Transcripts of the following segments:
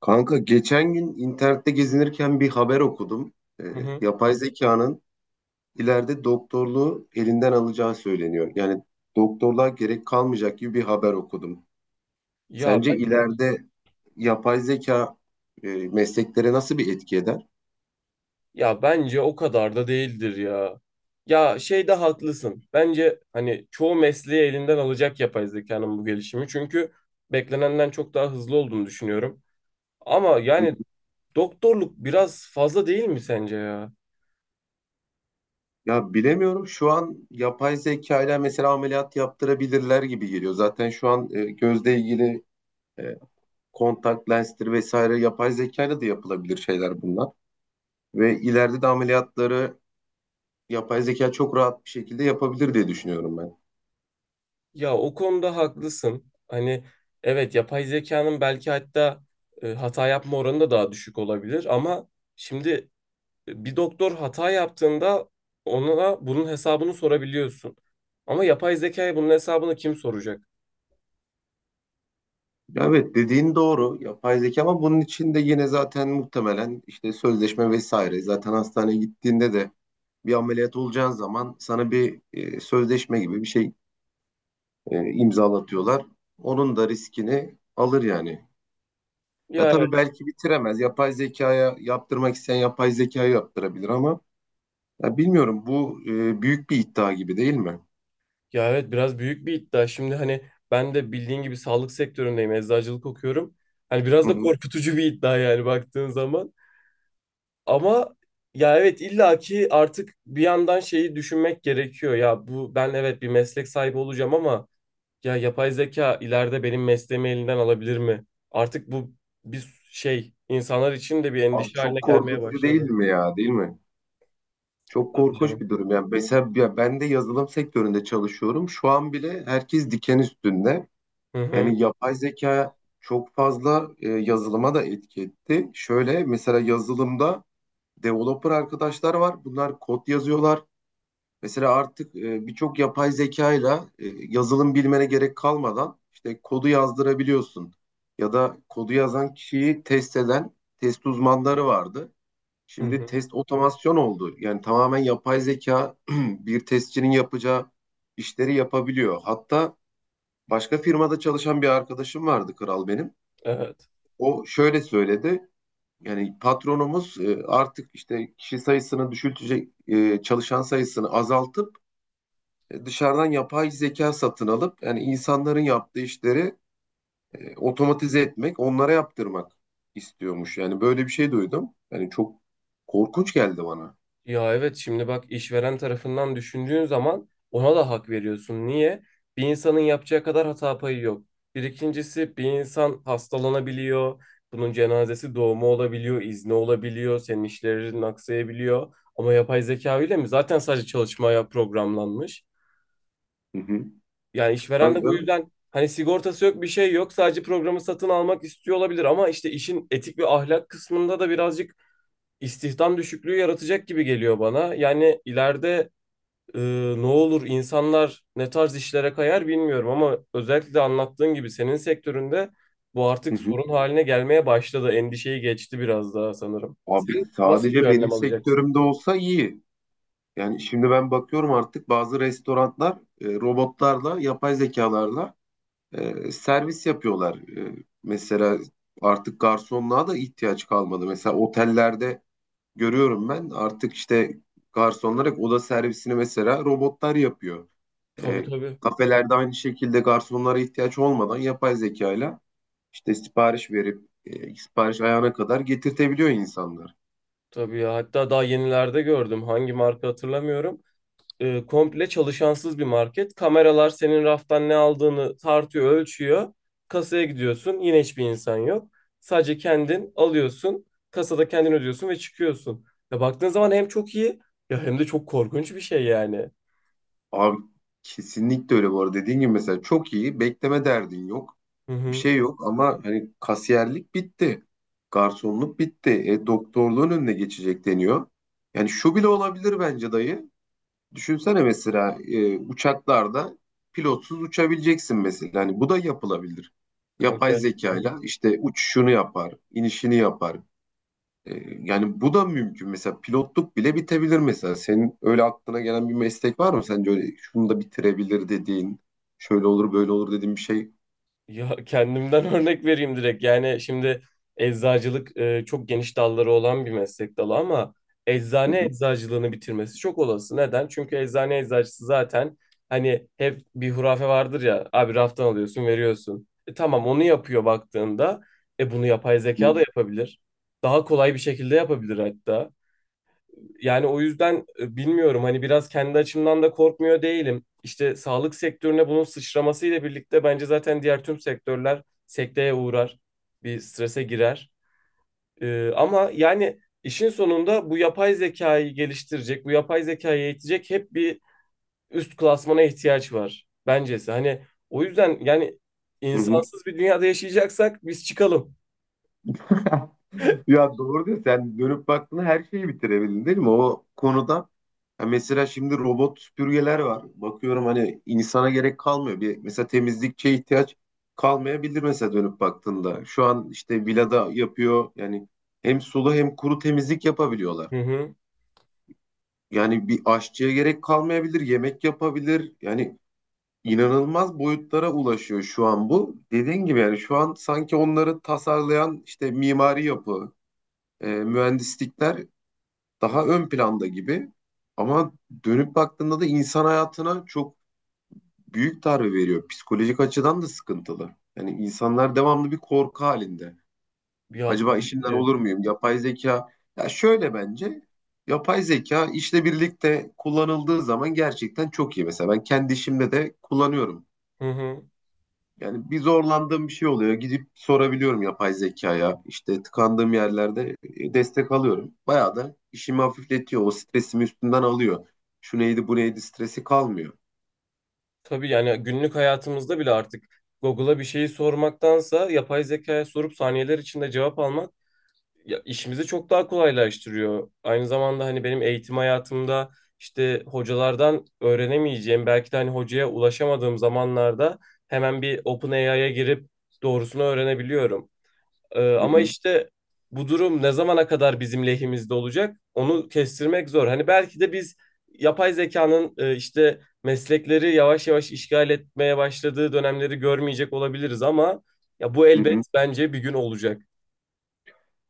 Kanka geçen gün internette gezinirken bir haber okudum. Ee, Hı hı. Yapay zekanın ileride doktorluğu elinden alacağı söyleniyor. Yani doktorluğa gerek kalmayacak gibi bir haber okudum. Ya Sence ben ileride yapay zeka mesleklere nasıl bir etki eder? Ya bence o kadar da değildir ya. Ya şeyde haklısın. Bence hani çoğu mesleği elinden alacak yapay zekanın bu gelişimi. Çünkü beklenenden çok daha hızlı olduğunu düşünüyorum. Ama Hı. yani doktorluk biraz fazla değil mi sence ya? Ya bilemiyorum. Şu an yapay zeka ile mesela ameliyat yaptırabilirler gibi geliyor. Zaten şu an gözle ilgili e, kontak lenstir vesaire yapay zeka ile de yapılabilir şeyler bunlar. Ve ileride de ameliyatları yapay zeka çok rahat bir şekilde yapabilir diye düşünüyorum ben. Ya o konuda haklısın. Hani evet yapay zekanın belki hatta hata yapma oranı da daha düşük olabilir ama şimdi bir doktor hata yaptığında ona bunun hesabını sorabiliyorsun. Ama yapay zekaya bunun hesabını kim soracak? Evet dediğin doğru yapay zeka ama bunun için de yine zaten muhtemelen işte sözleşme vesaire zaten hastaneye gittiğinde de bir ameliyat olacağın zaman sana bir sözleşme gibi bir şey imzalatıyorlar. Onun da riskini alır yani. Ya Ya evet, tabii belki bitiremez. Yapay zekaya yaptırmak isteyen yapay zekaya yaptırabilir ama ya bilmiyorum bu büyük bir iddia gibi değil mi? ya evet biraz büyük bir iddia. Şimdi hani ben de bildiğin gibi sağlık sektöründeyim, eczacılık okuyorum. Hani biraz Hı da hı. korkutucu bir iddia yani baktığın zaman. Ama ya evet illaki artık bir yandan şeyi düşünmek gerekiyor. Ya bu ben evet bir meslek sahibi olacağım ama ya yapay zeka ileride benim mesleğimi elinden alabilir mi? Artık bu bir şey insanlar için de bir Abi endişe haline çok gelmeye korkutucu değil başladı. mi ya değil mi? Çok Tabii korkunç canım. bir durum. Yani mesela ya ben de yazılım sektöründe çalışıyorum. Şu an bile herkes diken üstünde. Hı hı. Yani yapay zeka çok fazla yazılıma da etki etti. Şöyle mesela yazılımda developer arkadaşlar var. Bunlar kod yazıyorlar. Mesela artık birçok yapay zekayla yazılım bilmene gerek kalmadan işte kodu yazdırabiliyorsun. Ya da kodu yazan kişiyi test eden test uzmanları vardı. Hı Şimdi hı. test otomasyon oldu. Yani tamamen yapay zeka bir testçinin yapacağı işleri yapabiliyor. Hatta başka firmada çalışan bir arkadaşım vardı kral benim. Evet. O şöyle söyledi. Yani patronumuz artık işte kişi sayısını düşültecek, çalışan sayısını azaltıp dışarıdan yapay zeka satın alıp yani insanların yaptığı işleri otomatize etmek, onlara yaptırmak istiyormuş. Yani böyle bir şey duydum. Yani çok korkunç geldi bana. Ya evet şimdi bak işveren tarafından düşündüğün zaman ona da hak veriyorsun. Niye? Bir insanın yapacağı kadar hata payı yok. Bir ikincisi bir insan hastalanabiliyor. Bunun cenazesi doğumu olabiliyor, izni olabiliyor, senin işlerin aksayabiliyor. Ama yapay zeka öyle mi? Zaten sadece çalışmaya programlanmış. Hı hı. Yani işveren Tabii de bu canım. yüzden hani sigortası yok bir şey yok sadece programı satın almak istiyor olabilir ama işte işin etik ve ahlak kısmında da birazcık istihdam düşüklüğü yaratacak gibi geliyor bana. Yani ileride e, ne olur insanlar ne tarz işlere kayar bilmiyorum ama özellikle de anlattığın gibi senin sektöründe bu Hı artık hı. sorun haline gelmeye başladı. Endişeyi geçti biraz daha sanırım. Abi Sen nasıl bir sadece benim önlem alacaksın? sektörümde olsa iyi. Yani şimdi ben bakıyorum artık bazı restoranlar robotlarla, yapay zekalarla servis yapıyorlar. Mesela artık garsonluğa da ihtiyaç kalmadı. Mesela otellerde görüyorum ben artık işte garsonlar hep oda servisini mesela robotlar yapıyor. Tabii E, tabii. Kafelerde aynı şekilde garsonlara ihtiyaç olmadan yapay zekayla işte sipariş verip sipariş ayağına kadar getirtebiliyor insanlar. Tabii ya. Hatta daha yenilerde gördüm. Hangi marka hatırlamıyorum. Komple çalışansız bir market. Kameralar senin raftan ne aldığını tartıyor, ölçüyor. Kasaya gidiyorsun, yine hiçbir insan yok. Sadece kendin alıyorsun, kasada kendin ödüyorsun ve çıkıyorsun. Ya baktığın zaman hem çok iyi ya hem de çok korkunç bir şey yani. Abi kesinlikle öyle bu arada. Dediğin gibi mesela çok iyi. Bekleme derdin yok. Hı Bir hı. şey yok ama hani kasiyerlik bitti. Garsonluk bitti. E, doktorluğun önüne geçecek deniyor. Yani şu bile olabilir bence dayı. Düşünsene mesela uçaklarda pilotsuz uçabileceksin mesela. Hani bu da yapılabilir. Kanka. Yapay Evet. zekayla işte uçuşunu yapar, inişini yapar. E, Yani bu da mümkün. Mesela pilotluk bile bitebilir mesela. Senin öyle aklına gelen bir meslek var mı? Sence öyle şunu da bitirebilir dediğin, şöyle olur böyle olur dediğin bir şey. Ya kendimden örnek vereyim direkt. Yani şimdi eczacılık çok geniş dalları olan bir meslek dalı ama Hı eczane hı, eczacılığını bitirmesi çok olası. Neden? Çünkü eczane eczacısı zaten hani hep bir hurafe vardır ya. Abi raftan alıyorsun, veriyorsun. E, tamam onu yapıyor baktığında. E bunu yapay hı zeka da yapabilir. Daha kolay bir şekilde yapabilir hatta. Yani o yüzden bilmiyorum hani biraz kendi açımdan da korkmuyor değilim. İşte sağlık sektörüne bunun sıçramasıyla birlikte bence zaten diğer tüm sektörler sekteye uğrar, bir strese girer. E, ama yani işin sonunda bu yapay zekayı geliştirecek, bu yapay zekayı eğitecek hep bir üst klasmana ihtiyaç var bencesi. Hani o yüzden yani hı, hı. insansız bir dünyada yaşayacaksak biz çıkalım. Ya doğru diyorsun. Sen dönüp baktığında her şeyi bitirebildin değil mi? O konuda ya mesela şimdi robot süpürgeler var. Bakıyorum hani insana gerek kalmıyor. Bir, mesela temizlikçiye ihtiyaç kalmayabilir mesela dönüp baktığında. Şu an işte villada yapıyor. Yani hem sulu hem kuru temizlik yapabiliyorlar. Hı hı. Yani bir aşçıya gerek kalmayabilir, yemek yapabilir. Yani inanılmaz boyutlara ulaşıyor şu an bu. Dediğin gibi yani şu an sanki onları tasarlayan işte mimari yapı, mühendislikler daha ön planda gibi. Ama dönüp baktığında da insan hayatına çok büyük darbe veriyor. Psikolojik açıdan da sıkıntılı. Yani insanlar devamlı bir korku halinde. Ya Acaba tabii işimden ki. olur muyum? Yapay zeka. Ya şöyle bence yapay zeka işle birlikte kullanıldığı zaman gerçekten çok iyi. Mesela ben kendi işimde de kullanıyorum. Hı hı. Yani bir zorlandığım bir şey oluyor. Gidip sorabiliyorum yapay zekaya. İşte tıkandığım yerlerde destek alıyorum. Bayağı da işimi hafifletiyor. O stresimi üstünden alıyor. Şu neydi bu neydi stresi kalmıyor. Tabii yani günlük hayatımızda bile artık Google'a bir şeyi sormaktansa yapay zekaya sorup saniyeler içinde cevap almak ya işimizi çok daha kolaylaştırıyor. Aynı zamanda hani benim eğitim hayatımda işte hocalardan öğrenemeyeceğim, belki de hani hocaya ulaşamadığım zamanlarda hemen bir OpenAI'ya girip doğrusunu öğrenebiliyorum. Hı Ama hı, işte bu durum ne zamana kadar bizim lehimizde olacak? Onu kestirmek zor. Hani belki de biz yapay zekanın işte meslekleri yavaş yavaş işgal etmeye başladığı dönemleri görmeyecek olabiliriz ama ya bu hı elbet hı. bence bir gün olacak.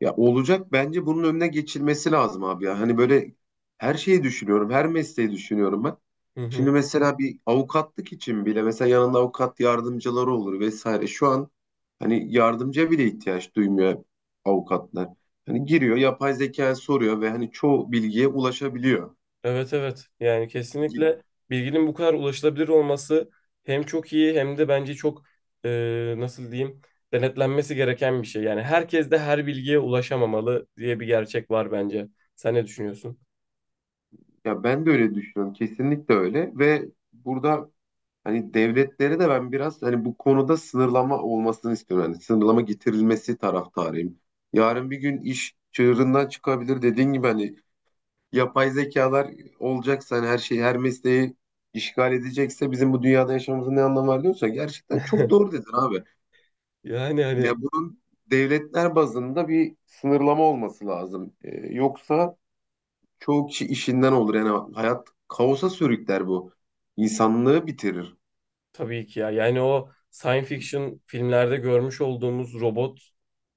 Ya olacak bence bunun önüne geçilmesi lazım abi ya. Hani böyle her şeyi düşünüyorum, her mesleği düşünüyorum ben. Hı Şimdi hı. mesela bir avukatlık için bile mesela yanında avukat yardımcıları olur vesaire. Şu an hani yardımcıya bile ihtiyaç duymuyor avukatlar. Hani giriyor, yapay zekaya soruyor ve hani çoğu bilgiye ulaşabiliyor. Evet evet. Yani kesinlikle bilginin bu kadar ulaşılabilir olması hem çok iyi hem de bence çok nasıl diyeyim denetlenmesi gereken bir şey. Yani herkes de her bilgiye ulaşamamalı diye bir gerçek var bence. Sen ne düşünüyorsun? Ya ben de öyle düşünüyorum. Kesinlikle öyle ve burada hani devletleri de ben biraz hani bu konuda sınırlama olmasını istiyorum. Yani sınırlama getirilmesi taraftarıyım. Yarın bir gün iş çığırından çıkabilir. Dediğin gibi hani yapay zekalar olacaksa hani her şeyi her mesleği işgal edecekse bizim bu dünyada yaşamamızın ne anlamı var diyorsa gerçekten çok doğru dedin abi. Yani hani Ya bunun devletler bazında bir sınırlama olması lazım. Yoksa çoğu kişi işinden olur. Yani hayat kaosa sürükler bu. İnsanlığı bitirir. tabii ki ya. Yani o science fiction filmlerde görmüş olduğumuz robot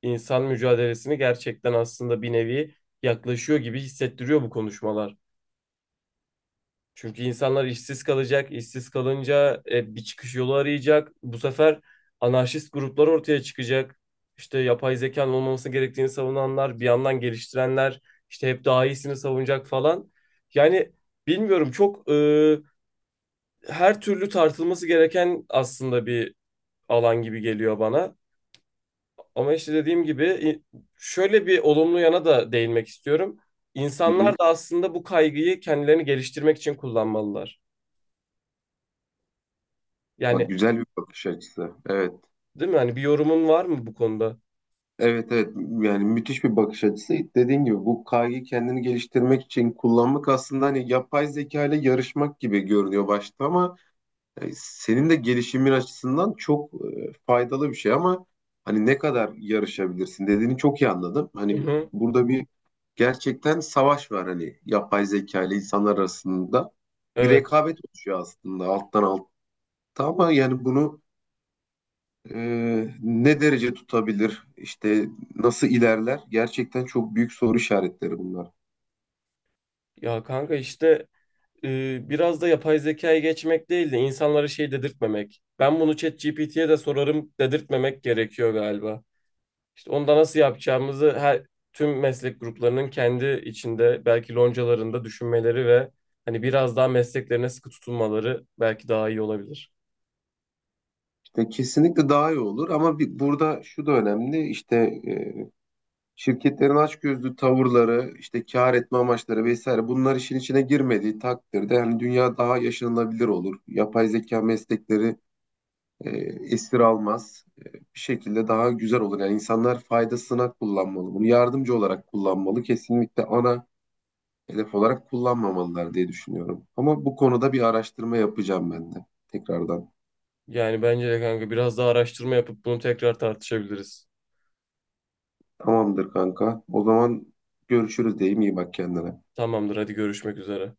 insan mücadelesini gerçekten aslında bir nevi yaklaşıyor gibi hissettiriyor bu konuşmalar. Çünkü insanlar işsiz kalacak. İşsiz kalınca bir çıkış yolu arayacak. Bu sefer anarşist gruplar ortaya çıkacak. İşte yapay zekanın olmaması gerektiğini savunanlar, bir yandan geliştirenler, işte hep daha iyisini savunacak falan. Yani bilmiyorum çok her türlü tartılması gereken aslında bir alan gibi geliyor bana. Ama işte dediğim gibi şöyle bir olumlu yana da değinmek istiyorum. Hı İnsanlar hı. da aslında bu kaygıyı kendilerini geliştirmek için kullanmalılar. Bak Yani güzel bir bakış açısı. Evet. değil mi? Hani bir yorumun var mı bu konuda? Evet evet. Yani müthiş bir bakış açısı. Dediğin gibi bu kaygıyı kendini geliştirmek için kullanmak aslında hani yapay zeka ile yarışmak gibi görünüyor başta ama senin de gelişimin açısından çok faydalı bir şey ama hani ne kadar yarışabilirsin dediğini çok iyi anladım. Hı Hani hı. burada bir gerçekten savaş var hani yapay zeka ile insanlar arasında. Bir Evet. rekabet oluşuyor aslında alttan alta ama yani bunu ne derece tutabilir? İşte nasıl ilerler? Gerçekten çok büyük soru işaretleri bunlar. Ya kanka işte biraz da yapay zekaya geçmek değil de insanlara şey dedirtmemek. Ben bunu ChatGPT'ye de sorarım dedirtmemek gerekiyor galiba. İşte onda nasıl yapacağımızı her tüm meslek gruplarının kendi içinde belki loncalarında düşünmeleri ve hani biraz daha mesleklerine sıkı tutunmaları belki daha iyi olabilir. İşte kesinlikle daha iyi olur ama bir, burada şu da önemli işte şirketlerin açgözlü tavırları, işte kar etme amaçları vesaire bunlar işin içine girmediği takdirde hani dünya daha yaşanılabilir olur. Yapay zeka meslekleri e, esir almaz. E, bir şekilde daha güzel olur. Yani insanlar faydasına kullanmalı bunu, yardımcı olarak kullanmalı. Kesinlikle ana hedef olarak kullanmamalılar diye düşünüyorum. Ama bu konuda bir araştırma yapacağım ben de tekrardan. Yani bence de kanka biraz daha araştırma yapıp bunu tekrar tartışabiliriz. Tamamdır kanka. O zaman görüşürüz diyeyim. İyi bak kendine. Tamamdır, hadi görüşmek üzere.